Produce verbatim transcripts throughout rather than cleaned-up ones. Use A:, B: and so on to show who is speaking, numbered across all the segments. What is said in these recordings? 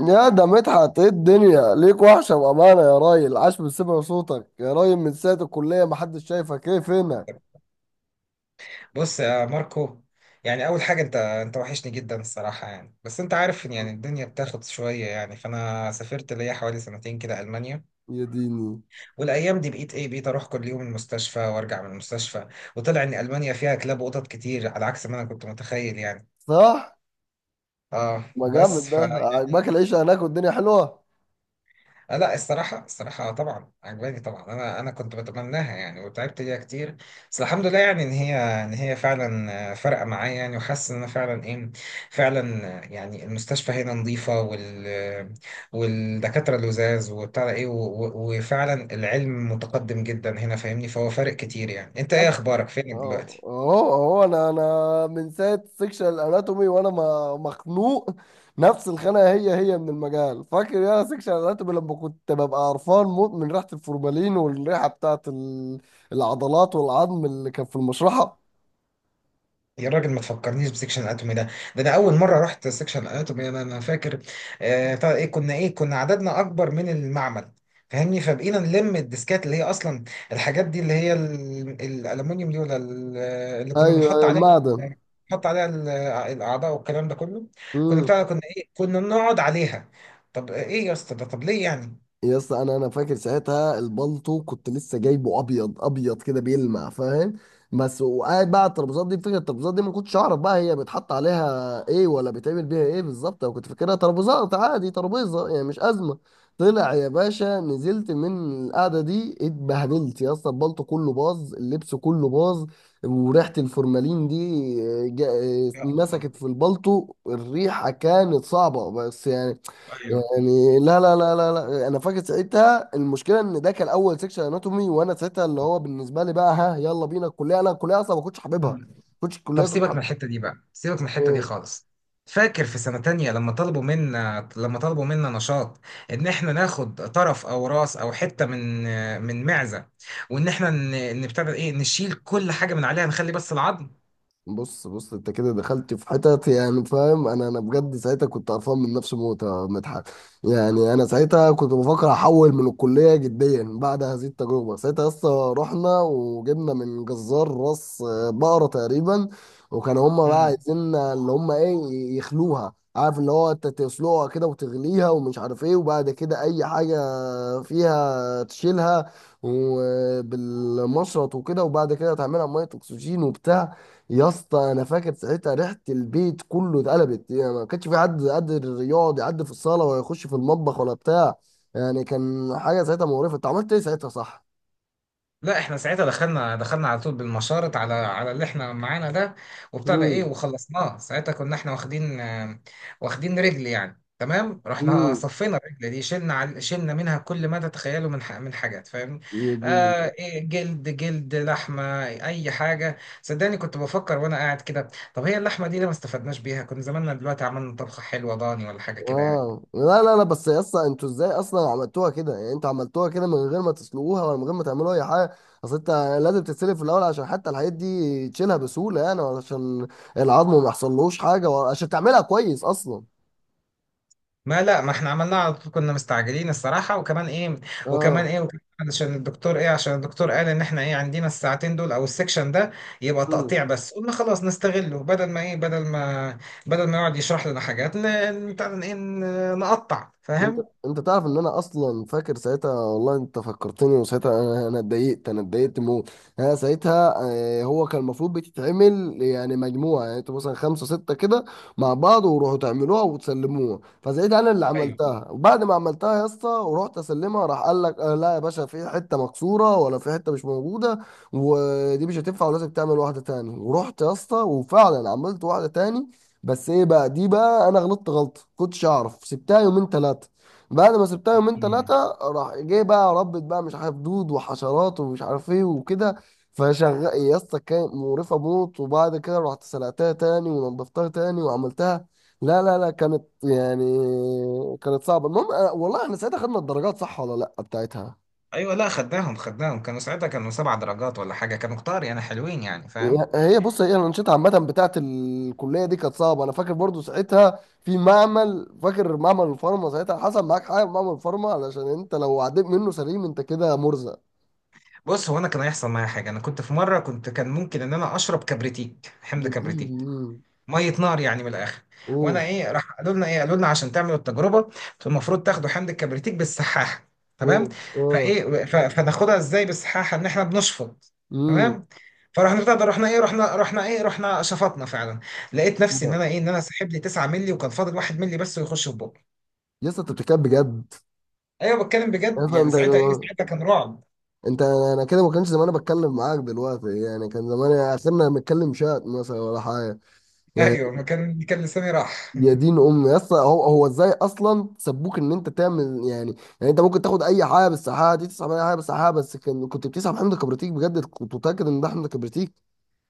A: يا ده مدحت، ايه الدنيا ليك وحشة بأمانة يا راجل. عاش من سمع صوتك يا راجل، من ساعة الكلية محدش شايفك، ايه فينك؟
B: بص يا ماركو. يعني اول حاجه، انت انت وحشني جدا الصراحه. يعني بس انت عارف ان يعني الدنيا بتاخد شويه يعني، فانا سافرت ليا حوالي سنتين كده المانيا.
A: يا ديني.
B: والايام دي بقيت ايه بقيت اروح كل يوم المستشفى وارجع من المستشفى. وطلع ان المانيا فيها كلاب وقطط كتير على عكس ما انا كنت متخيل يعني.
A: صح.
B: اه
A: ما جامد،
B: بس،
A: ده
B: ف يعني.
A: عجباك العيشة هناك والدنيا حلوة؟
B: آه، لا، الصراحة، الصراحة آه، طبعا عجباني. طبعا أنا أنا كنت بتمناها يعني، وتعبت ليها كتير. بس الحمد لله يعني، إن هي إن هي فعلا آه، فارقة معايا يعني، وحاسس إن أنا فعلا إيه فعلا، آه، يعني المستشفى هنا نظيفة وال والدكاترة لذاذ، وبتاع ده إيه و- و- وفعلا العلم متقدم جدا هنا، فاهمني؟ فهو فارق كتير يعني. أنت إيه
A: أك-
B: أخبارك، فينك
A: اهو
B: دلوقتي؟
A: اهو أهو انا انا من ساعة سيكشن الاناتومي وانا ما- مخنوق. نفس الخناقة هي هي من المجال. فاكر يا سيكشن الاناتومي لما كنت ببقى قرفان موت من ريحة الفورمالين والريحة بتاعت ال- العضلات والعظم اللي كان في المشرحة.
B: يا راجل ما تفكرنيش بسكشن الاناتومي ده. ده انا اول مره رحت سكشن الاناتومي، انا انا فاكر. آه بتاع ايه كنا ايه كنا عددنا اكبر من المعمل، فاهمني؟ فبقينا نلم الديسكات اللي هي اصلا الحاجات دي، اللي هي ال- الالومنيوم دي، ولا ال- اللي
A: ايوه.
B: كنا بنحط
A: أيوة،
B: عليها،
A: المعدن.
B: نحط عليها ال- الاعضاء والكلام ده كله. كنا
A: امم
B: بتاع كنا ايه كنا بنقعد عليها. طب ايه يا اسطى ده طب ليه يعني؟
A: يا اسطى، انا انا فاكر ساعتها البلطو كنت لسه جايبه ابيض ابيض كده بيلمع، فاهم؟ بس وقاعد بقى على الترابيزات دي، فكره الترابيزات دي ما كنتش اعرف بقى هي بيتحط عليها ايه ولا بيتعمل بيها ايه بالظبط، انا كنت فاكرها ترابيزات عادي، ترابيزه يعني مش ازمه. طلع يا باشا نزلت من القعده دي اتبهدلت يا اسطى، البلطو كله باظ، اللبس كله باظ، وريحه الفورمالين دي. آه، جا-
B: يا الله.
A: مسكت في البلطو الريحه كانت صعبه بس يعني.
B: ايوه.
A: يعني لا لا لا لا لا، انا فاكر ساعتها المشكله ان ده كان اول سيكشن اناتومي، وانا ساعتها اللي هو بالنسبه لي بقى ها يلا بينا الكليه، انا الكليه اصلا ما كنتش حاببها، ما كنتش
B: طب
A: الكليه كنت
B: سيبك من
A: حابب
B: الحتة دي بقى سيبك من الحتة دي
A: إيه.
B: خالص. فاكر في سنة تانية لما طلبوا منا لما طلبوا منا نشاط، ان احنا ناخد طرف او راس او حتة من من معزة، وان احنا ن- نبتدي ايه نشيل كل حاجة من عليها، نخلي بس العظم.
A: بص بص، انت كده دخلت في حتت يعني، فاهم؟ انا انا بجد ساعتها كنت قرفان من نفسي موت يا مدحت. يعني انا ساعتها كنت بفكر احول من الكليه جديا بعد هذه التجربه. ساعتها اصلا رحنا وجبنا من جزار راس بقره تقريبا، وكانوا هم بقى
B: مم.
A: عايزين اللي هم ايه، يخلوها عارف اللي هو انت تسلقها كده وتغليها ومش عارف ايه، وبعد كده اي حاجه فيها تشيلها وبالمشرط وكده، وبعد كده تعملها ميه اكسجين وبتاع. يا اسطى انا فاكر ساعتها ريحه البيت كله اتقلبت، يعني ما كانش في حد قادر يقعد يعدي في الصاله ولا يخش في المطبخ ولا بتاع. يعني كان حاجه ساعتها مقرفه. انت عملت ايه ساعتها صح؟
B: لا، احنا ساعتها دخلنا دخلنا على طول بالمشارط على على اللي احنا معانا ده، وبتاع ده ايه
A: امم
B: وخلصناه. ساعتها كنا احنا واخدين آه، واخدين رجل يعني، تمام. رحنا صفينا الرجل دي، شلنا عل- شلنا منها كل ما تتخيله من ح- من حاجات، فاهم؟
A: امم
B: آه إيه جلد جلد لحمه، اي حاجه، صدقني كنت بفكر وانا قاعد كده. طب هي اللحمه دي ليه ما استفدناش بيها؟ كنا زماننا دلوقتي عملنا طبخه حلوه، ضاني ولا حاجه كده يعني.
A: اه لا لا لا، بس يا اسطى انتوا ازاي اصلا عملتوها كده؟ يعني انتوا عملتوها كده من غير ما تسلقوها ولا من غير ما تعملوا اي حاجه؟ اصل انت لازم تتسلق في الاول عشان حتى الحاجات دي تشيلها بسهوله يعني، وعشان العظم ما يحصلوش حاجه وعشان تعملها كويس اصلا.
B: ما لا ما احنا عملناه على طول، كنا مستعجلين الصراحة. وكمان ايه وكمان
A: اه.
B: ايه وكمان عشان الدكتور ايه عشان الدكتور قال ان احنا ايه عندنا الساعتين دول او السكشن ده، يبقى تقطيع. بس قلنا خلاص نستغله، بدل ما ايه بدل ما بدل ما يقعد يشرح لنا حاجات، ن- بتاع ده ايه ن- نقطع،
A: انت
B: فاهم؟
A: انت تعرف ان انا اصلا فاكر ساعتها، والله انت فكرتني، وساعتها انا انا اتضايقت، انا اتضايقت موت. انا ساعتها آه، هو كان المفروض بتتعمل يعني مجموعه، يعني انتوا مثلا خمسه سته كده مع بعض وروحوا تعملوها وتسلموها، فساعتها انا اللي
B: ايوه.
A: عملتها، وبعد ما عملتها يا اسطى ورحت اسلمها، راح قال لك آه لا يا باشا، في حته مكسوره ولا في حته مش موجوده ودي مش هتنفع ولازم تعمل واحده تاني، ورحت يا اسطى وفعلا عملت واحده تاني. بس ايه بقى، دي بقى انا غلطت غلطه كنتش اعرف، سبتها يومين ثلاثه. بعد ما سبتها يومين تلاتة،
B: مم.
A: راح جاي بقى ربت بقى مش عارف دود وحشرات ومش عارف ايه وكده. فشغل يا اسطى كانت مقرفة موت، وبعد كده رحت سلقتها تاني ونضفتها تاني وعملتها. لا لا لا، كانت يعني كانت صعبة. المهم أنا- والله احنا ساعتها خدنا الدرجات صح ولا لا بتاعتها.
B: ايوه، لا، خدناهم خدناهم. كانوا ساعتها كانوا سبع درجات ولا حاجه، كانوا كتار يعني، حلوين يعني، فاهم؟
A: هي بص، هي الانشطه عامه بتاعت الكليه دي كانت صعبه. انا فاكر برضو ساعتها في معمل، فاكر معمل الفارما ساعتها حصل معاك حاجه في معمل الفارما؟ علشان انت لو عديت منه سليم انت كده مرزق.
B: بص، هو انا كان هيحصل معايا حاجه. انا كنت في مره، كنت كان ممكن ان انا اشرب كبريتيك حمض
A: يديني
B: كبريتيك،
A: مين.
B: ميه نار يعني من الاخر. وانا،
A: اوه
B: ايه راح قالوا لنا ايه قالوا لنا عشان تعملوا التجربه المفروض تاخدوا حمض الكبريتيك بالسحاحه،
A: اوه.
B: تمام؟
A: اه.
B: فايه ف- فناخدها ازاي بالسحاحه؟ ان احنا بنشفط،
A: امم
B: تمام؟ فرحنا بتاع ده، رحنا ايه رحنا رحنا ايه رحنا شفطنا فعلا. لقيت نفسي ان انا ايه ان انا سحب لي تسعة مللي، وكان فاضل واحد مللي بس ويخش في بقي.
A: يا اسطى انت بتتكلم بجد؟
B: ايوه، بتكلم
A: يا
B: بجد
A: اسطى
B: يعني.
A: انت،
B: ساعتها ايه ساعتها كان رعب.
A: انت انا كده ما كانش زمان بتكلم معاك دلوقتي، يعني كان زمان اخرنا بنتكلم شات مثلا ولا حاجه يعني.
B: ايوه، ما كان كان لساني راح.
A: يا دين ام يا اسطى، هو هو ازاي اصلا سبوك ان انت تعمل يعني؟ يعني انت ممكن تاخد اي حاجه بالسحابه دي، تسحب اي حاجه بالسحابه، بس كان كنت بتسحب حمض كبريتيك بجد، كنت متاكد ان ده حمض كبريتيك؟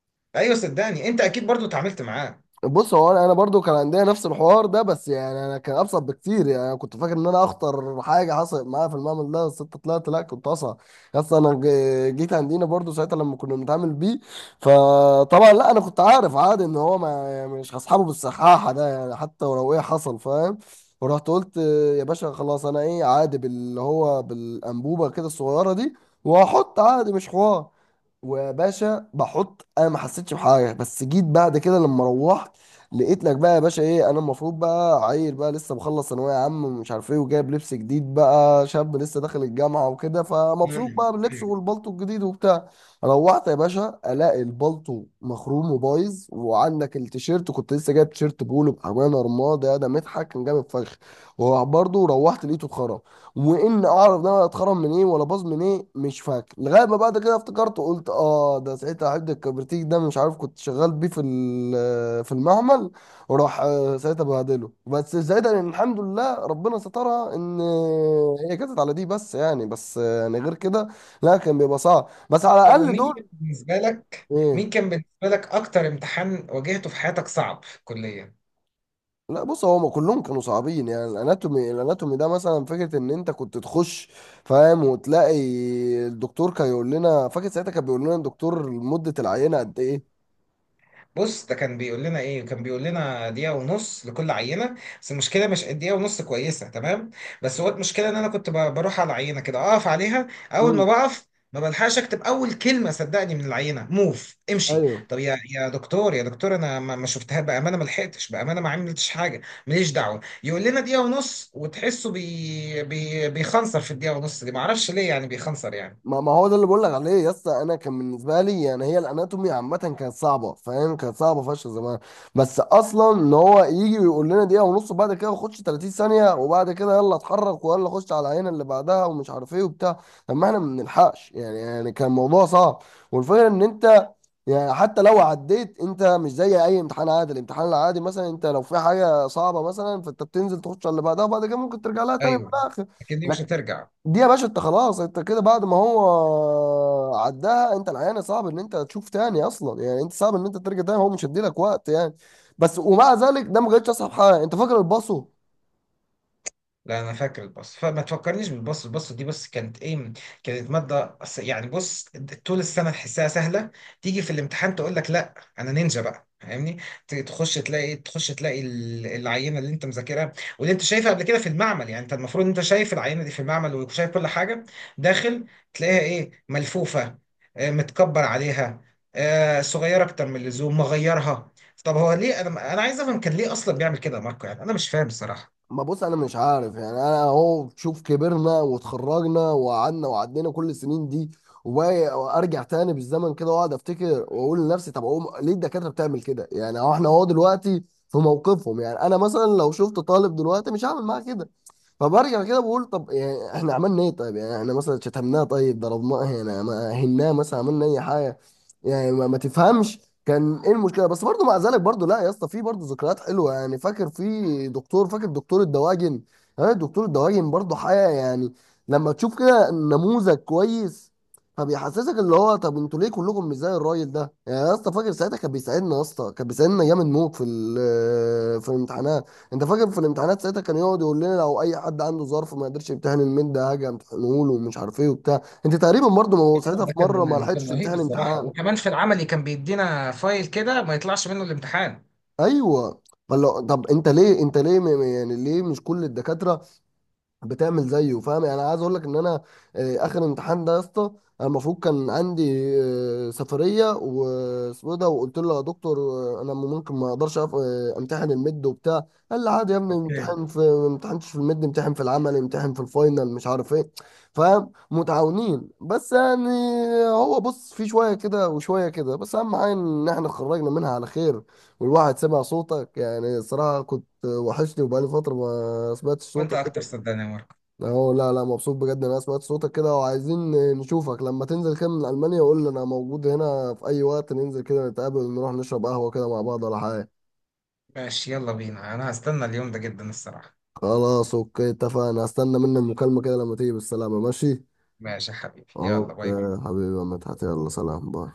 B: ايوه، صدقني انت اكيد برضو اتعاملت معاه.
A: بص هو انا أنا برضو كان عندنا نفس الحوار ده، بس يعني انا كان ابسط بكتير. يعني انا كنت فاكر ان انا اخطر حاجه حصلت معايا في المعمل ده، بس انت طلعت لا كنت اصعب. اصلا انا ج- جيت عندنا برضو ساعتها لما كنا بنتعامل بيه، فطبعا لا انا كنت عارف عادي ان هو ما يعني مش هصحابه بالسحاحه ده يعني حتى ولو ايه حصل، فاهم؟ ورحت قلت يا باشا خلاص، انا ايه عادي باللي هو بالانبوبه كده الصغيره دي، وهحط عادي مش حوار. وباشا بحط انا ما حسيتش بحاجه، بس جيت بعد كده لما روحت لقيت لك بقى يا باشا ايه. انا المفروض بقى عيل بقى لسه مخلص ثانويه عامه ومش عارف ايه، وجايب لبس جديد بقى، شاب لسه داخل الجامعه وكده، فمبسوط
B: مم.
A: بقى باللبس والبلطو الجديد وبتاع. روحت يا باشا الاقي البلطو مخروم وبايظ، وعندك التيشيرت كنت لسه جايب تيشيرت بولو بامانه رماد، يا ده مضحك كان جامد فشخ. وبرضه روحت لقيته اتخرم، وان اعرف ده انا اتخرم من ايه ولا باظ من ايه مش فاكر، لغايه ما بعد كده افتكرت وقلت اه ده ساعتها حد الكبرتيك ده مش عارف كنت شغال بيه في ال- في المعمل. وراح آه، ساعتها بهدله، بس ساعتها يعني الحمد لله ربنا سترها ان هي جت على دي بس. يعني بس آه، يعني غير كده لا كان بيبقى صعب، بس على
B: طب،
A: الاقل
B: ومين
A: دول.
B: كان بالنسبة لك مين
A: ايه.
B: كان بالنسبة لك أكتر امتحان واجهته في حياتك صعب في الكلية؟
A: لا بص، هو كلهم كانوا صعبين يعني، الاناتومي، الاناتومي ده مثلا فكره ان انت كنت تخش، فاهم، وتلاقي الدكتور كان يقول لنا، فاكر ساعتها كان بيقول لنا الدكتور، مده العينه قد ايه؟
B: بص، ده كان بيقول لنا، ايه كان بيقول لنا دقيقة ونص لكل عينة. بس المشكلة مش الدقيقة ونص، كويسة تمام. بس هو المشكلة ان انا كنت ب- بروح على العينة كده، اقف عليها، اول ما
A: امم
B: بقف ما بلحقش اكتب اول كلمة، صدقني، من العينة موف امشي.
A: ايوه.
B: طب يا، يا دكتور، يا دكتور، انا ما ما شفتها بأمانة، ما لحقتش بأمانة، ما عملتش حاجة. ماليش دعوة. يقول لنا دقيقة ونص، وتحسه بي بي بيخنصر في الدقيقة ونص دي، ما اعرفش ليه يعني بيخنصر يعني.
A: ما ما هو ده اللي بقول لك عليه يا اسطى، انا كان بالنسبه لي يعني هي الاناتومي عامه كانت صعبه فاهم، كانت صعبه فشخ زمان. بس اصلا ان هو يجي ويقول لنا دقيقه ونص، وبعد كده خش ثلاثين ثانية ثانيه، وبعد كده يلا اتحرك ويلا خش على العينه اللي بعدها ومش عارف ايه وبتاع. طب ما احنا ما بنلحقش يعني، يعني كان الموضوع صعب. والفكره ان انت يعني حتى لو عديت انت، مش زي اي امتحان عادي. الامتحان العادي مثلا انت لو في حاجه صعبه مثلا فانت بتنزل تخش على اللي بعدها، وبعد كده ممكن ترجع لها تاني
B: ايوه.
A: في
B: لكن دي مش
A: الاخر.
B: هترجع.
A: دي يا باشا انت خلاص، انت كده بعد ما هو عداها انت العيان صعب ان انت تشوف تاني اصلا، يعني انت صعب ان انت ترجع تاني، هو مش هيديلك وقت يعني. بس ومع ذلك ده ما كانتش اصعب حاجه. انت فاكر الباصو؟
B: لا، انا فاكر الباص، فما تفكرنيش بالباص. الباص دي بس كانت ايه كانت ماده أص- يعني، بص، طول السنه تحسها سهله. تيجي في الامتحان تقول لك لا، انا نينجا بقى، فاهمني؟ ت- تخش تلاقي تخش تلاقي ال- العينه اللي انت مذاكرها، واللي انت شايفها قبل كده في المعمل. يعني انت المفروض انت شايف العينه دي في المعمل وشايف كل حاجه داخل، تلاقيها ايه ملفوفه، آه، متكبر عليها، آه، صغيره اكتر من اللزوم مغيرها. طب هو ليه، انا انا عايز افهم، كان ليه اصلا بيعمل كده يا ماركو؟ يعني انا مش فاهم الصراحه.
A: ما بص انا مش عارف يعني، انا اهو شوف كبرنا وتخرجنا وقعدنا وعدينا كل السنين دي، وباقي- وارجع تاني بالزمن كده واقعد افتكر واقول لنفسي طب اقوم ليه الدكاتره بتعمل كده يعني، اهو احنا اهو دلوقتي في موقفهم. يعني انا مثلا لو شفت طالب دلوقتي مش هعمل معاه كده. فبرجع كده بقول طب يعني احنا عملنا ايه؟ طيب يعني احنا مثلا شتمناه؟ طيب ضربناه؟ يعني ما هناه مثلا؟ عملنا اي حاجه؟ يعني ما, ما تفهمش كان ايه المشكله. بس برضه مع ذلك برضه لا يا اسطى، في برضه ذكريات حلوه. يعني فاكر في دكتور، فاكر دكتور الدواجن؟ ها دكتور الدواجن برضه حاجه يعني، لما تشوف كده نموذج كويس، فبيحسسك اللي هو طب انتوا ليه كلكم مش زي الراجل ده يعني؟ يا اسطى فاكر ساعتها كان بيساعدنا، يا اسطى كان بيساعدنا جامد موت في ال- في الامتحانات. انت فاكر في الامتحانات ساعتها كان يقعد يقول لنا لو اي حد عنده ظرف ما يقدرش يمتحن الميد ده هاجي امتحنه له ومش عارف ايه وبتاع. انت تقريبا برضه ما هو ساعتها في
B: ده
A: مره ما
B: كان
A: لحقتش
B: كان رهيب
A: تمتحن
B: الصراحه.
A: امتحان.
B: وكمان في العملي كان بيدينا فايل كده ما يطلعش منه الامتحان.
A: ايوه. فلو طب انت ليه، انت ليه م- م- يعني ليه مش كل الدكاتره بتعمل زيه، فاهم؟ يعني عايز اقول لك ان انا آه، اخر امتحان ده يا اسطى، انا المفروض كان عندي آه، سفريه واسمه إيه ده، وقلت له يا دكتور آه، انا ممكن ما اقدرش أف- آه، امتحن الميد وبتاع. قال لي عادي يا ابني،
B: اوكي.
A: امتحن في ما امتحنش في الميد، امتحن في العمل، امتحن في الفاينل مش عارف ايه. فاهم متعاونين بس يعني. هو بص في شويه كده وشويه كده، بس اهم حاجه ان احنا خرجنا منها على خير، والواحد سمع صوتك يعني. الصراحه كنت وحشني وبقالي فتره ما سمعتش
B: وانت
A: صوتك.
B: اكتر، صدقني يا ماركو.
A: اهو لا لا مبسوط بجد إن انا سمعت صوتك كده، وعايزين نشوفك لما تنزل كده من المانيا. قول لي، انا موجود هنا في اي وقت ننزل كده نتقابل نروح نشرب قهوة كده مع بعض ولا حاجة.
B: ماشي، يلا بينا، انا هستنى اليوم ده جدا الصراحه.
A: خلاص اوكي، اتفقنا، هستنى منك المكالمة كده لما تيجي بالسلامة، ماشي.
B: ماشي يا حبيبي، يلا،
A: اوكي
B: باي باي.
A: حبيبي يا مدحت، يلا سلام، باي.